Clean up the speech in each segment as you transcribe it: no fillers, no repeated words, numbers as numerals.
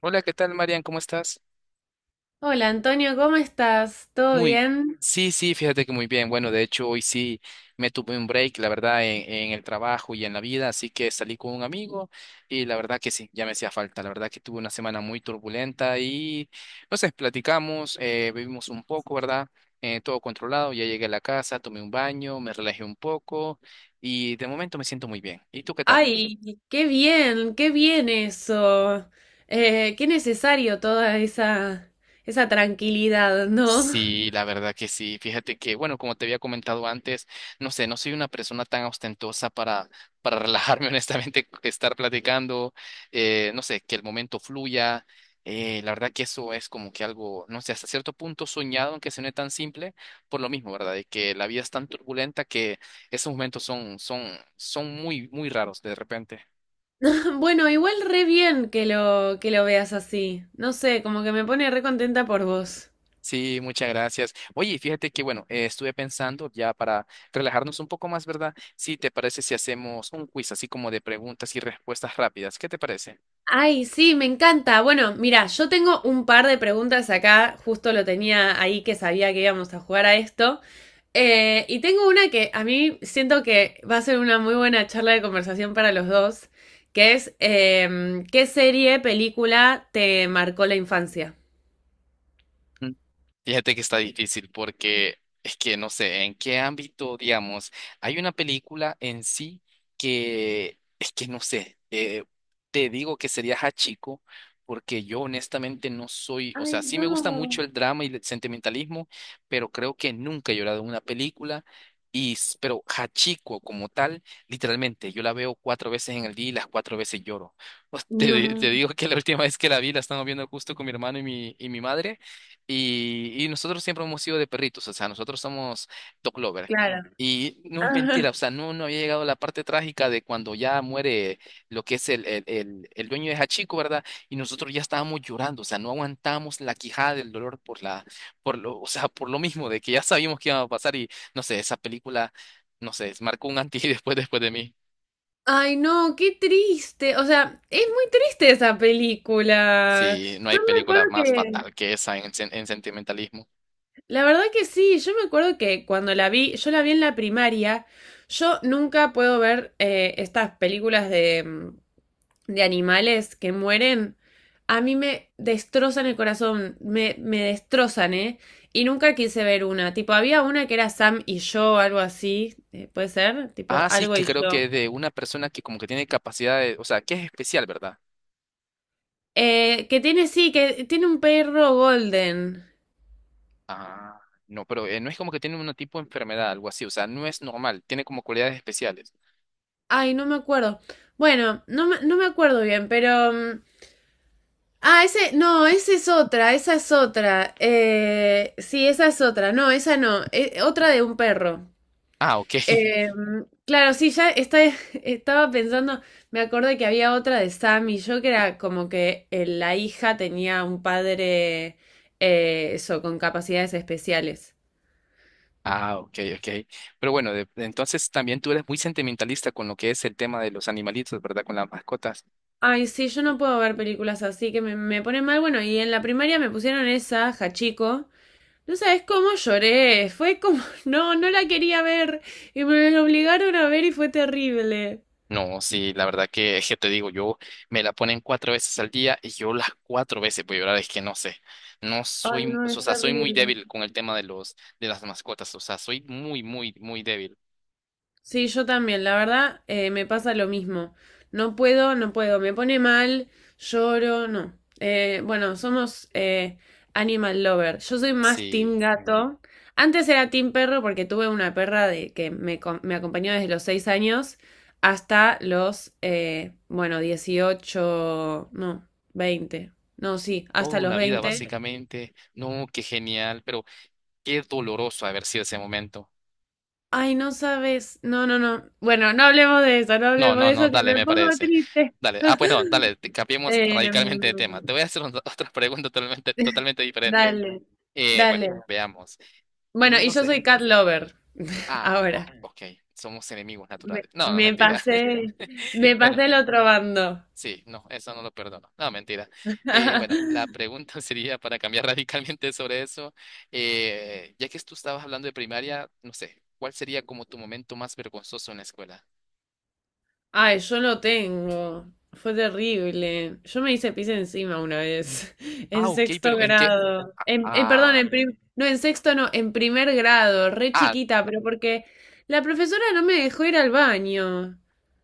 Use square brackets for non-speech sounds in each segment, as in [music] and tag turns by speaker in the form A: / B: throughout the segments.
A: Hola, ¿qué tal, Marian? ¿Cómo estás?
B: Hola Antonio, ¿cómo estás? ¿Todo
A: Muy,
B: bien?
A: sí, sí, fíjate que muy bien. Bueno, de hecho, hoy sí me tuve un break, la verdad, en el trabajo y en la vida, así que salí con un amigo y la verdad que sí, ya me hacía falta. La verdad que tuve una semana muy turbulenta y, no sé, platicamos, vivimos un poco, ¿verdad? Todo controlado, ya llegué a la casa, tomé un baño, me relajé un poco y de momento me siento muy bien. ¿Y tú qué tal?
B: Ay, qué bien eso. Qué necesario toda esa tranquilidad, ¿no?
A: Sí, la verdad que sí. Fíjate que, bueno, como te había comentado antes, no sé, no soy una persona tan ostentosa para relajarme, [laughs] honestamente, estar platicando, no sé, que el momento fluya. La verdad que eso es como que algo, no sé, hasta cierto punto soñado, aunque suene tan simple, por lo mismo, ¿verdad? De que la vida es tan turbulenta que esos momentos son muy, muy raros de repente.
B: [laughs] Bueno, igual re bien que que lo veas así. No sé, como que me pone re contenta por vos.
A: Sí, muchas gracias. Oye, fíjate que, bueno, estuve pensando ya para relajarnos un poco más, ¿verdad? Sí, ¿te parece si hacemos un quiz así como de preguntas y respuestas rápidas? ¿Qué te parece?
B: Ay, sí, me encanta. Bueno, mira, yo tengo un par de preguntas acá, justo lo tenía ahí que sabía que íbamos a jugar a esto. Y tengo una que a mí siento que va a ser una muy buena charla de conversación para los dos, que es ¿qué serie, película te marcó la infancia?
A: Mm. Fíjate que está difícil porque es que no sé en qué ámbito, digamos, hay una película en sí que es que no sé, te digo que sería Hachiko porque yo honestamente no soy, o
B: Ay,
A: sea, sí me gusta mucho
B: no.
A: el drama y el sentimentalismo, pero creo que nunca he llorado en una película. Pero Hachiko como tal, literalmente, yo la veo cuatro veces en el día y las cuatro veces lloro. [laughs] Te,
B: No,
A: te digo que la última vez que la vi, la estábamos viendo justo con mi hermano y mi madre. Y nosotros siempre hemos sido de perritos, o sea, nosotros somos dog lover.
B: claro.
A: Y
B: [laughs]
A: no es
B: Ajá.
A: mentira, o sea, no, no había llegado la parte trágica de cuando ya muere lo que es el dueño de Hachiko, ¿verdad? Y nosotros ya estábamos llorando, o sea, no aguantamos la quijada del dolor por lo, o sea, por lo mismo de que ya sabíamos que iba a pasar y no sé, esa película, no sé, marcó un antes y después de mí.
B: Ay, no, qué triste. O sea, es muy triste esa película.
A: Sí, no
B: Yo
A: hay
B: me
A: película
B: acuerdo
A: más
B: que,
A: fatal que esa en sentimentalismo.
B: la verdad que sí, yo me acuerdo que cuando la vi, yo la vi en la primaria, yo nunca puedo ver estas películas de animales que mueren, a mí me destrozan el corazón, me destrozan, ¿eh? Y nunca quise ver una. Tipo, había una que era Sam y yo, algo así, puede ser, tipo,
A: Ah, sí,
B: algo
A: que
B: y
A: creo
B: yo.
A: que de una persona que como que tiene capacidad de, o sea, que es especial, ¿verdad?
B: Que tiene, sí, que tiene un perro golden.
A: Ah, no, pero no es como que tiene un tipo de enfermedad, algo así, o sea, no es normal, tiene como cualidades especiales.
B: Ay, no me acuerdo. Bueno, no me acuerdo bien, pero... Ah, ese, no, esa es otra, esa es otra. Sí, esa es otra. No, esa no, otra de un perro.
A: Ah, ok.
B: Eh,
A: [laughs]
B: claro, sí, [laughs] estaba pensando, me acordé que había otra de Sam y yo que era como que la hija tenía un padre, eso, con capacidades especiales.
A: Ah, ok, ok. Pero bueno, entonces también tú eres muy sentimentalista con lo que es el tema de los animalitos, ¿verdad? Con las mascotas.
B: Ay, sí, yo no puedo ver películas así que me ponen mal. Bueno, y en la primaria me pusieron esa, Hachiko. No sabes cómo lloré, fue como, [laughs] no, no la quería ver y me la obligaron a ver y fue terrible.
A: No, sí, la verdad que, es que te digo, yo me la ponen cuatro veces al día y yo las cuatro veces voy a llorar, es que no sé, no
B: Ay,
A: soy,
B: no,
A: o
B: es
A: sea, soy muy
B: terrible.
A: débil con el tema de las mascotas, o sea, soy muy, muy, muy débil.
B: Sí, yo también, la verdad, me pasa lo mismo. No puedo, no puedo, me pone mal, lloro, no. Bueno, somos animal lover. Yo soy más team
A: Sí,
B: gato. Antes era team perro porque tuve una perra que me acompañó desde los 6 años hasta los, bueno, 18, no, 20. No, sí, hasta
A: toda
B: los
A: una vida
B: 20.
A: básicamente, no, qué genial, pero qué doloroso haber sido ese momento.
B: Ay, no sabes. No, no, no. Bueno, no hablemos de eso, no
A: No,
B: hablemos de
A: no, no,
B: eso, que
A: dale,
B: me
A: me
B: pongo
A: parece.
B: triste.
A: Dale, ah, pues no, dale, cambiemos
B: Em,
A: radicalmente de tema. Te voy a hacer otra [laughs] otra pregunta totalmente, totalmente diferente.
B: dale,
A: Bueno,
B: dale.
A: veamos.
B: Bueno, y
A: No
B: yo
A: sé.
B: soy cat lover
A: Ah,
B: ahora.
A: oh, ok, somos enemigos
B: Me,
A: naturales. No, no,
B: me
A: mentira.
B: pasé,
A: [laughs]
B: me
A: Bueno,
B: pasé el otro bando.
A: sí, no, eso no lo perdono. No, mentira. Bueno, la
B: [laughs]
A: pregunta [laughs] sería para cambiar [laughs] radicalmente sobre eso. Ya que tú estabas hablando de primaria, no sé, ¿cuál sería como tu momento más vergonzoso en la escuela?
B: Ay, yo lo tengo. Fue terrible. Yo me hice pis encima una vez, [laughs]
A: Ah,
B: en
A: ok,
B: sexto
A: pero ¿en qué?
B: grado. Perdón,
A: Ah,
B: no, en sexto no, en primer grado, re
A: ah,
B: chiquita, pero porque la profesora no me dejó ir al baño.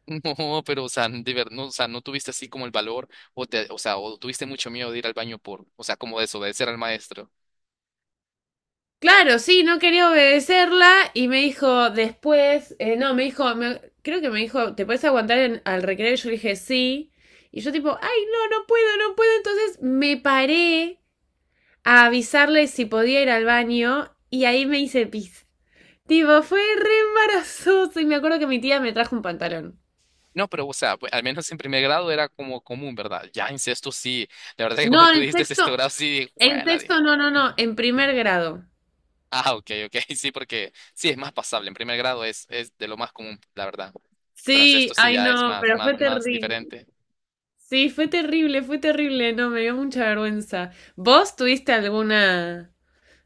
A: [laughs] no, pero o sea, no, o sea, no tuviste así como el valor o sea, o tuviste mucho miedo de ir al baño por, o sea, como desobedecer al maestro.
B: Claro, sí, no quería obedecerla y me dijo después, no, me dijo, creo que me dijo, ¿te puedes aguantar en- al recreo? Y yo le dije, sí. Y yo tipo, ay, no, no puedo, no puedo. Entonces me paré a avisarle si podía ir al baño y ahí me hice pis. Tipo, fue re embarazoso y me acuerdo que mi tía me trajo un pantalón.
A: No, pero o sea, pues, al menos en primer grado era como común, ¿verdad? Ya en sexto sí. La verdad que
B: No,
A: cuando tú dijiste sexto grado sí, dije,
B: en
A: "Juela de-".
B: sexto, no, no, no, en primer grado.
A: Ah, ok, ok, [laughs] sí, porque sí es más pasable. En primer grado es de lo más común, la verdad. Pero en
B: Sí,
A: sexto sí
B: ay,
A: ya es
B: no,
A: más,
B: pero
A: más,
B: fue
A: más
B: terrible.
A: diferente.
B: Sí, fue terrible, no, me dio mucha vergüenza. ¿Vos tuviste alguna,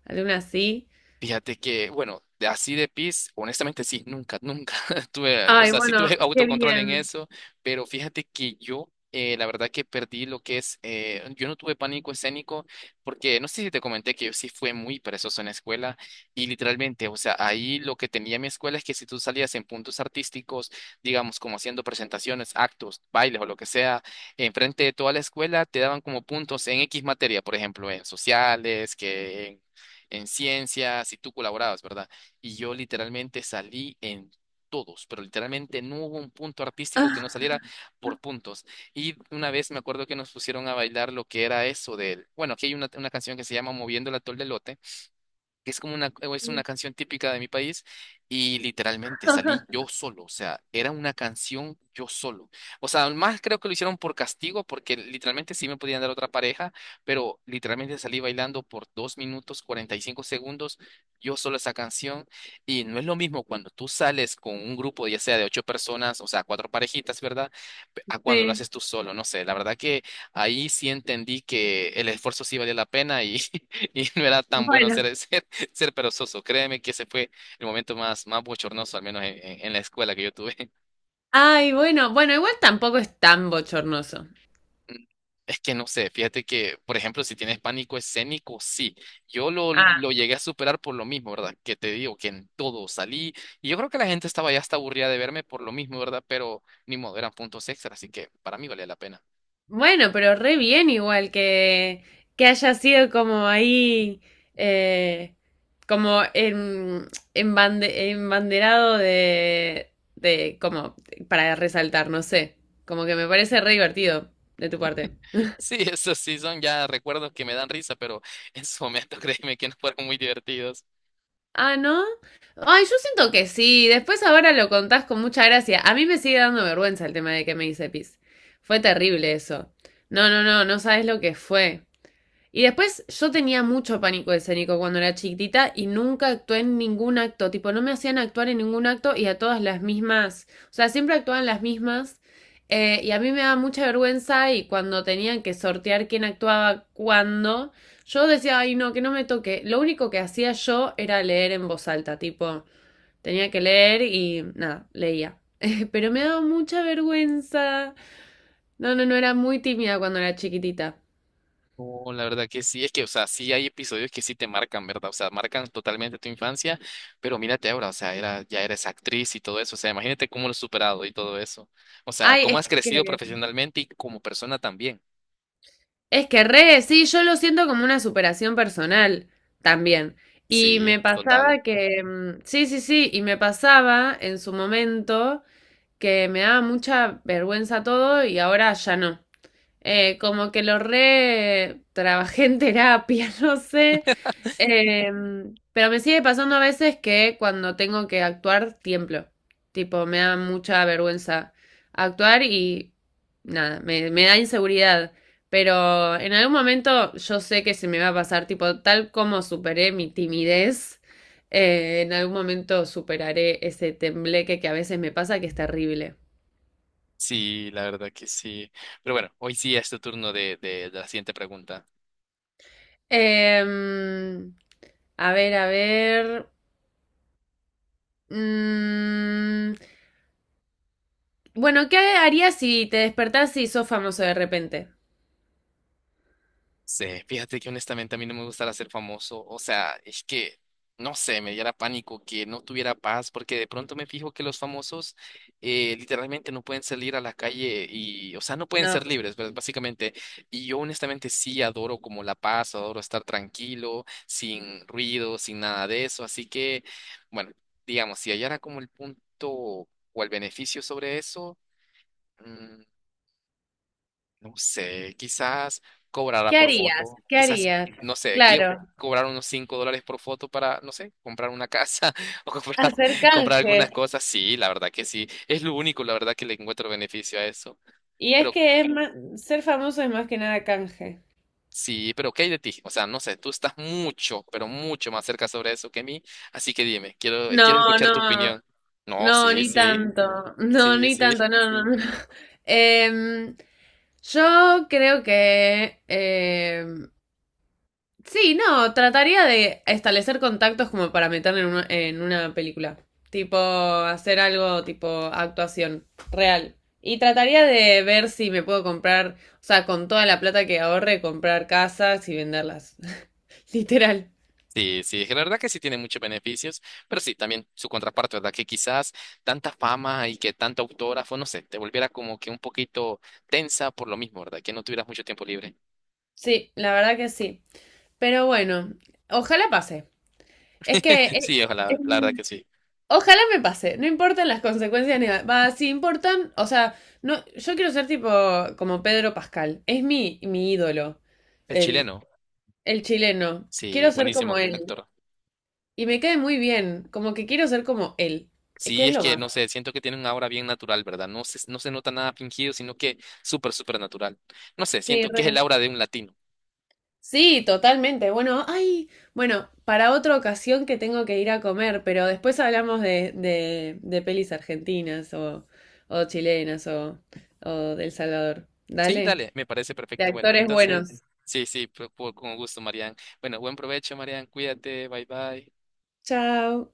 B: alguna así?
A: Fíjate que, bueno, así de pis, honestamente sí, nunca, nunca [laughs] tuve, o
B: Ay,
A: sea, sí
B: bueno,
A: tuve
B: qué
A: autocontrol en
B: bien.
A: eso, pero fíjate que yo, la verdad que perdí lo que es, yo no tuve pánico escénico, porque no sé si te comenté que yo sí fui muy perezoso en la escuela y literalmente, o sea, ahí lo que tenía mi escuela es que si tú salías en puntos artísticos, digamos, como haciendo presentaciones, actos, bailes o lo que sea, enfrente de toda la escuela, te daban como puntos en X materia, por ejemplo, en sociales, que en ciencias y tú colaborabas, ¿verdad? Y yo literalmente salí en todos, pero literalmente no hubo un punto artístico que no
B: Ah,
A: saliera por puntos. Y una vez me acuerdo que nos pusieron a bailar lo que era eso del, bueno, aquí hay una canción que se llama Moviendo el atol del Elote, que es es una canción típica de mi país, y literalmente salí yo solo, o sea, era una canción yo solo. O sea, más creo que lo hicieron por castigo, porque literalmente sí me podían dar otra pareja, pero literalmente salí bailando por 2 minutos 45 segundos yo solo esa canción, y no es lo mismo cuando tú sales con un grupo, ya sea de ocho personas, o sea, cuatro parejitas, ¿verdad? A cuando lo
B: sí,
A: haces tú solo, no sé, la verdad que ahí sí entendí que el esfuerzo sí valía la pena y, [laughs] y no era tan bueno
B: bueno.
A: hacer eso ser perezoso. Créeme que ese fue el momento más, más bochornoso, al menos en la escuela que yo tuve. [laughs]
B: Ay, bueno, bueno, igual tampoco es tan bochornoso.
A: Es que no sé, fíjate que, por ejemplo, si tienes pánico escénico, sí. Yo lo,
B: Ah,
A: lo llegué a superar por lo mismo, ¿verdad? Que te digo que en todo salí. Y yo creo que la gente estaba ya hasta aburrida de verme por lo mismo, ¿verdad? Pero ni modo, eran puntos extra, así que para mí valía la pena.
B: bueno, pero re bien igual que haya sido como ahí, eh, como embanderado de, como, para resaltar, no sé, como que me parece re divertido de tu parte.
A: Sí, [laughs] esos sí son ya recuerdos que me dan risa, pero en su momento [laughs] créeme que no fueron muy divertidos.
B: Ah, ¿no? Ay, yo siento que sí. Después ahora lo contás con mucha gracia. A mí me sigue dando vergüenza el tema de que me hice pis. Fue terrible eso. No, no, no, no sabes lo que fue. Y después yo tenía mucho pánico escénico cuando era chiquitita y nunca actué en ningún acto, tipo no me hacían actuar en ningún acto y a todas las mismas, o sea, siempre actuaban las mismas y a mí me daba mucha vergüenza y cuando tenían que sortear quién actuaba cuándo, yo decía, ay no, que no me toque, lo único que hacía yo era leer en voz alta, tipo, tenía que leer y nada, leía. [laughs] Pero me daba mucha vergüenza. No, no, no, era muy tímida cuando era chiquitita.
A: Oh la verdad que sí, es que, o sea, sí hay episodios que sí te marcan, ¿verdad? O sea, marcan totalmente tu infancia, pero mírate ahora, o sea, ya eres actriz y todo eso, o sea, imagínate cómo lo has superado y todo eso. O sea, cómo
B: Ay,
A: has
B: es que
A: crecido profesionalmente y como persona también.
B: es que re, sí, yo lo siento como una superación personal también. Y me
A: Sí, total.
B: pasaba que, sí, sí, sí, y me pasaba en su momento que me daba mucha vergüenza todo y ahora ya no. Como que lo re trabajé en terapia, [laughs] no sé, eh, pero me sigue pasando a veces que cuando tengo que actuar, tiemblo. Tipo, me da mucha vergüenza actuar y nada, me da inseguridad. Pero en algún momento yo sé que se me va a pasar, tipo, tal como superé mi timidez, en algún momento superaré ese tembleque que a veces me pasa, que es terrible.
A: Sí, la verdad que sí. Pero bueno, hoy sí es tu turno de, la siguiente pregunta.
B: Em, a ver, a ver. Mm, Bueno, ¿qué harías si te despertás y sos famoso de repente?
A: Sí, fíjate que honestamente a mí no me gustaría ser famoso, o sea, es que, no sé, me diera pánico que no tuviera paz, porque de pronto me fijo que los famosos literalmente no pueden salir a la calle y, o sea, no pueden ser
B: No.
A: libres, ¿verdad? Básicamente, y yo honestamente sí adoro como la paz, adoro estar tranquilo, sin ruido, sin nada de eso, así que, bueno, digamos, si hallara como el punto o el beneficio sobre eso. mm, no sé, quizás cobrará
B: ¿Qué
A: por
B: harías?
A: foto,
B: ¿Qué
A: quizás,
B: harías?
A: no sé, quiero
B: Claro,
A: cobrar unos $5 por foto para, no sé, comprar una casa [laughs] o comprar,
B: hacer
A: comprar
B: canje.
A: algunas cosas. Sí, la verdad que sí, es lo único, la verdad que le encuentro beneficio a eso.
B: Y es
A: Pero
B: que es más, ser famoso es más que nada canje.
A: sí, pero ¿qué hay de ti? O sea, no sé, tú estás mucho, pero mucho más cerca sobre eso que mí, así que dime, quiero
B: No,
A: escuchar tu
B: no,
A: opinión. No,
B: no,
A: sí,
B: ni
A: sí,
B: tanto. No,
A: sí,
B: ni
A: sí.
B: tanto, no, no, no. [laughs] Em, yo creo que, sí, no, trataría de establecer contactos como para meter en en una película. Tipo, hacer algo tipo actuación real. Y trataría de ver si me puedo comprar, o sea, con toda la plata que ahorre, comprar casas y venderlas. [laughs] Literal.
A: Sí, sí, la verdad que sí tiene muchos beneficios, pero sí, también su contraparte, ¿verdad? Que quizás tanta fama y que tanta autora fue, no sé, te volviera como que un poquito tensa por lo mismo, ¿verdad? Que no tuvieras mucho tiempo libre.
B: Sí, la verdad que sí. Pero bueno, ojalá pase. Es que...
A: [laughs]
B: eh,
A: Sí,
B: eh,
A: ojalá, la verdad que sí.
B: Ojalá me pase, no importan las consecuencias ni nada. Va, si importan, o sea, no, yo quiero ser tipo como Pedro Pascal. Es mi ídolo,
A: El
B: el,
A: chileno,
B: el chileno.
A: sí,
B: Quiero ser como
A: buenísimo
B: él.
A: actor.
B: Y me cae muy bien, como que quiero ser como él. Es que
A: Sí,
B: es
A: es
B: lo
A: que,
B: más.
A: no sé, siento que tiene una aura bien natural, ¿verdad? No se nota nada fingido, sino que súper, súper natural. No sé,
B: Sí,
A: siento que es el
B: re.
A: aura de un latino.
B: Sí, totalmente. Bueno, ay, bueno, para otra ocasión que tengo que ir a comer, pero después hablamos de pelis argentinas o chilenas o del Salvador.
A: Sí,
B: Dale,
A: dale, me parece
B: de
A: perfecto. Bueno,
B: actores
A: entonces,
B: buenos.
A: sí, sí, con gusto, Marian. Bueno, buen provecho, Marian. Cuídate, bye bye.
B: Chao.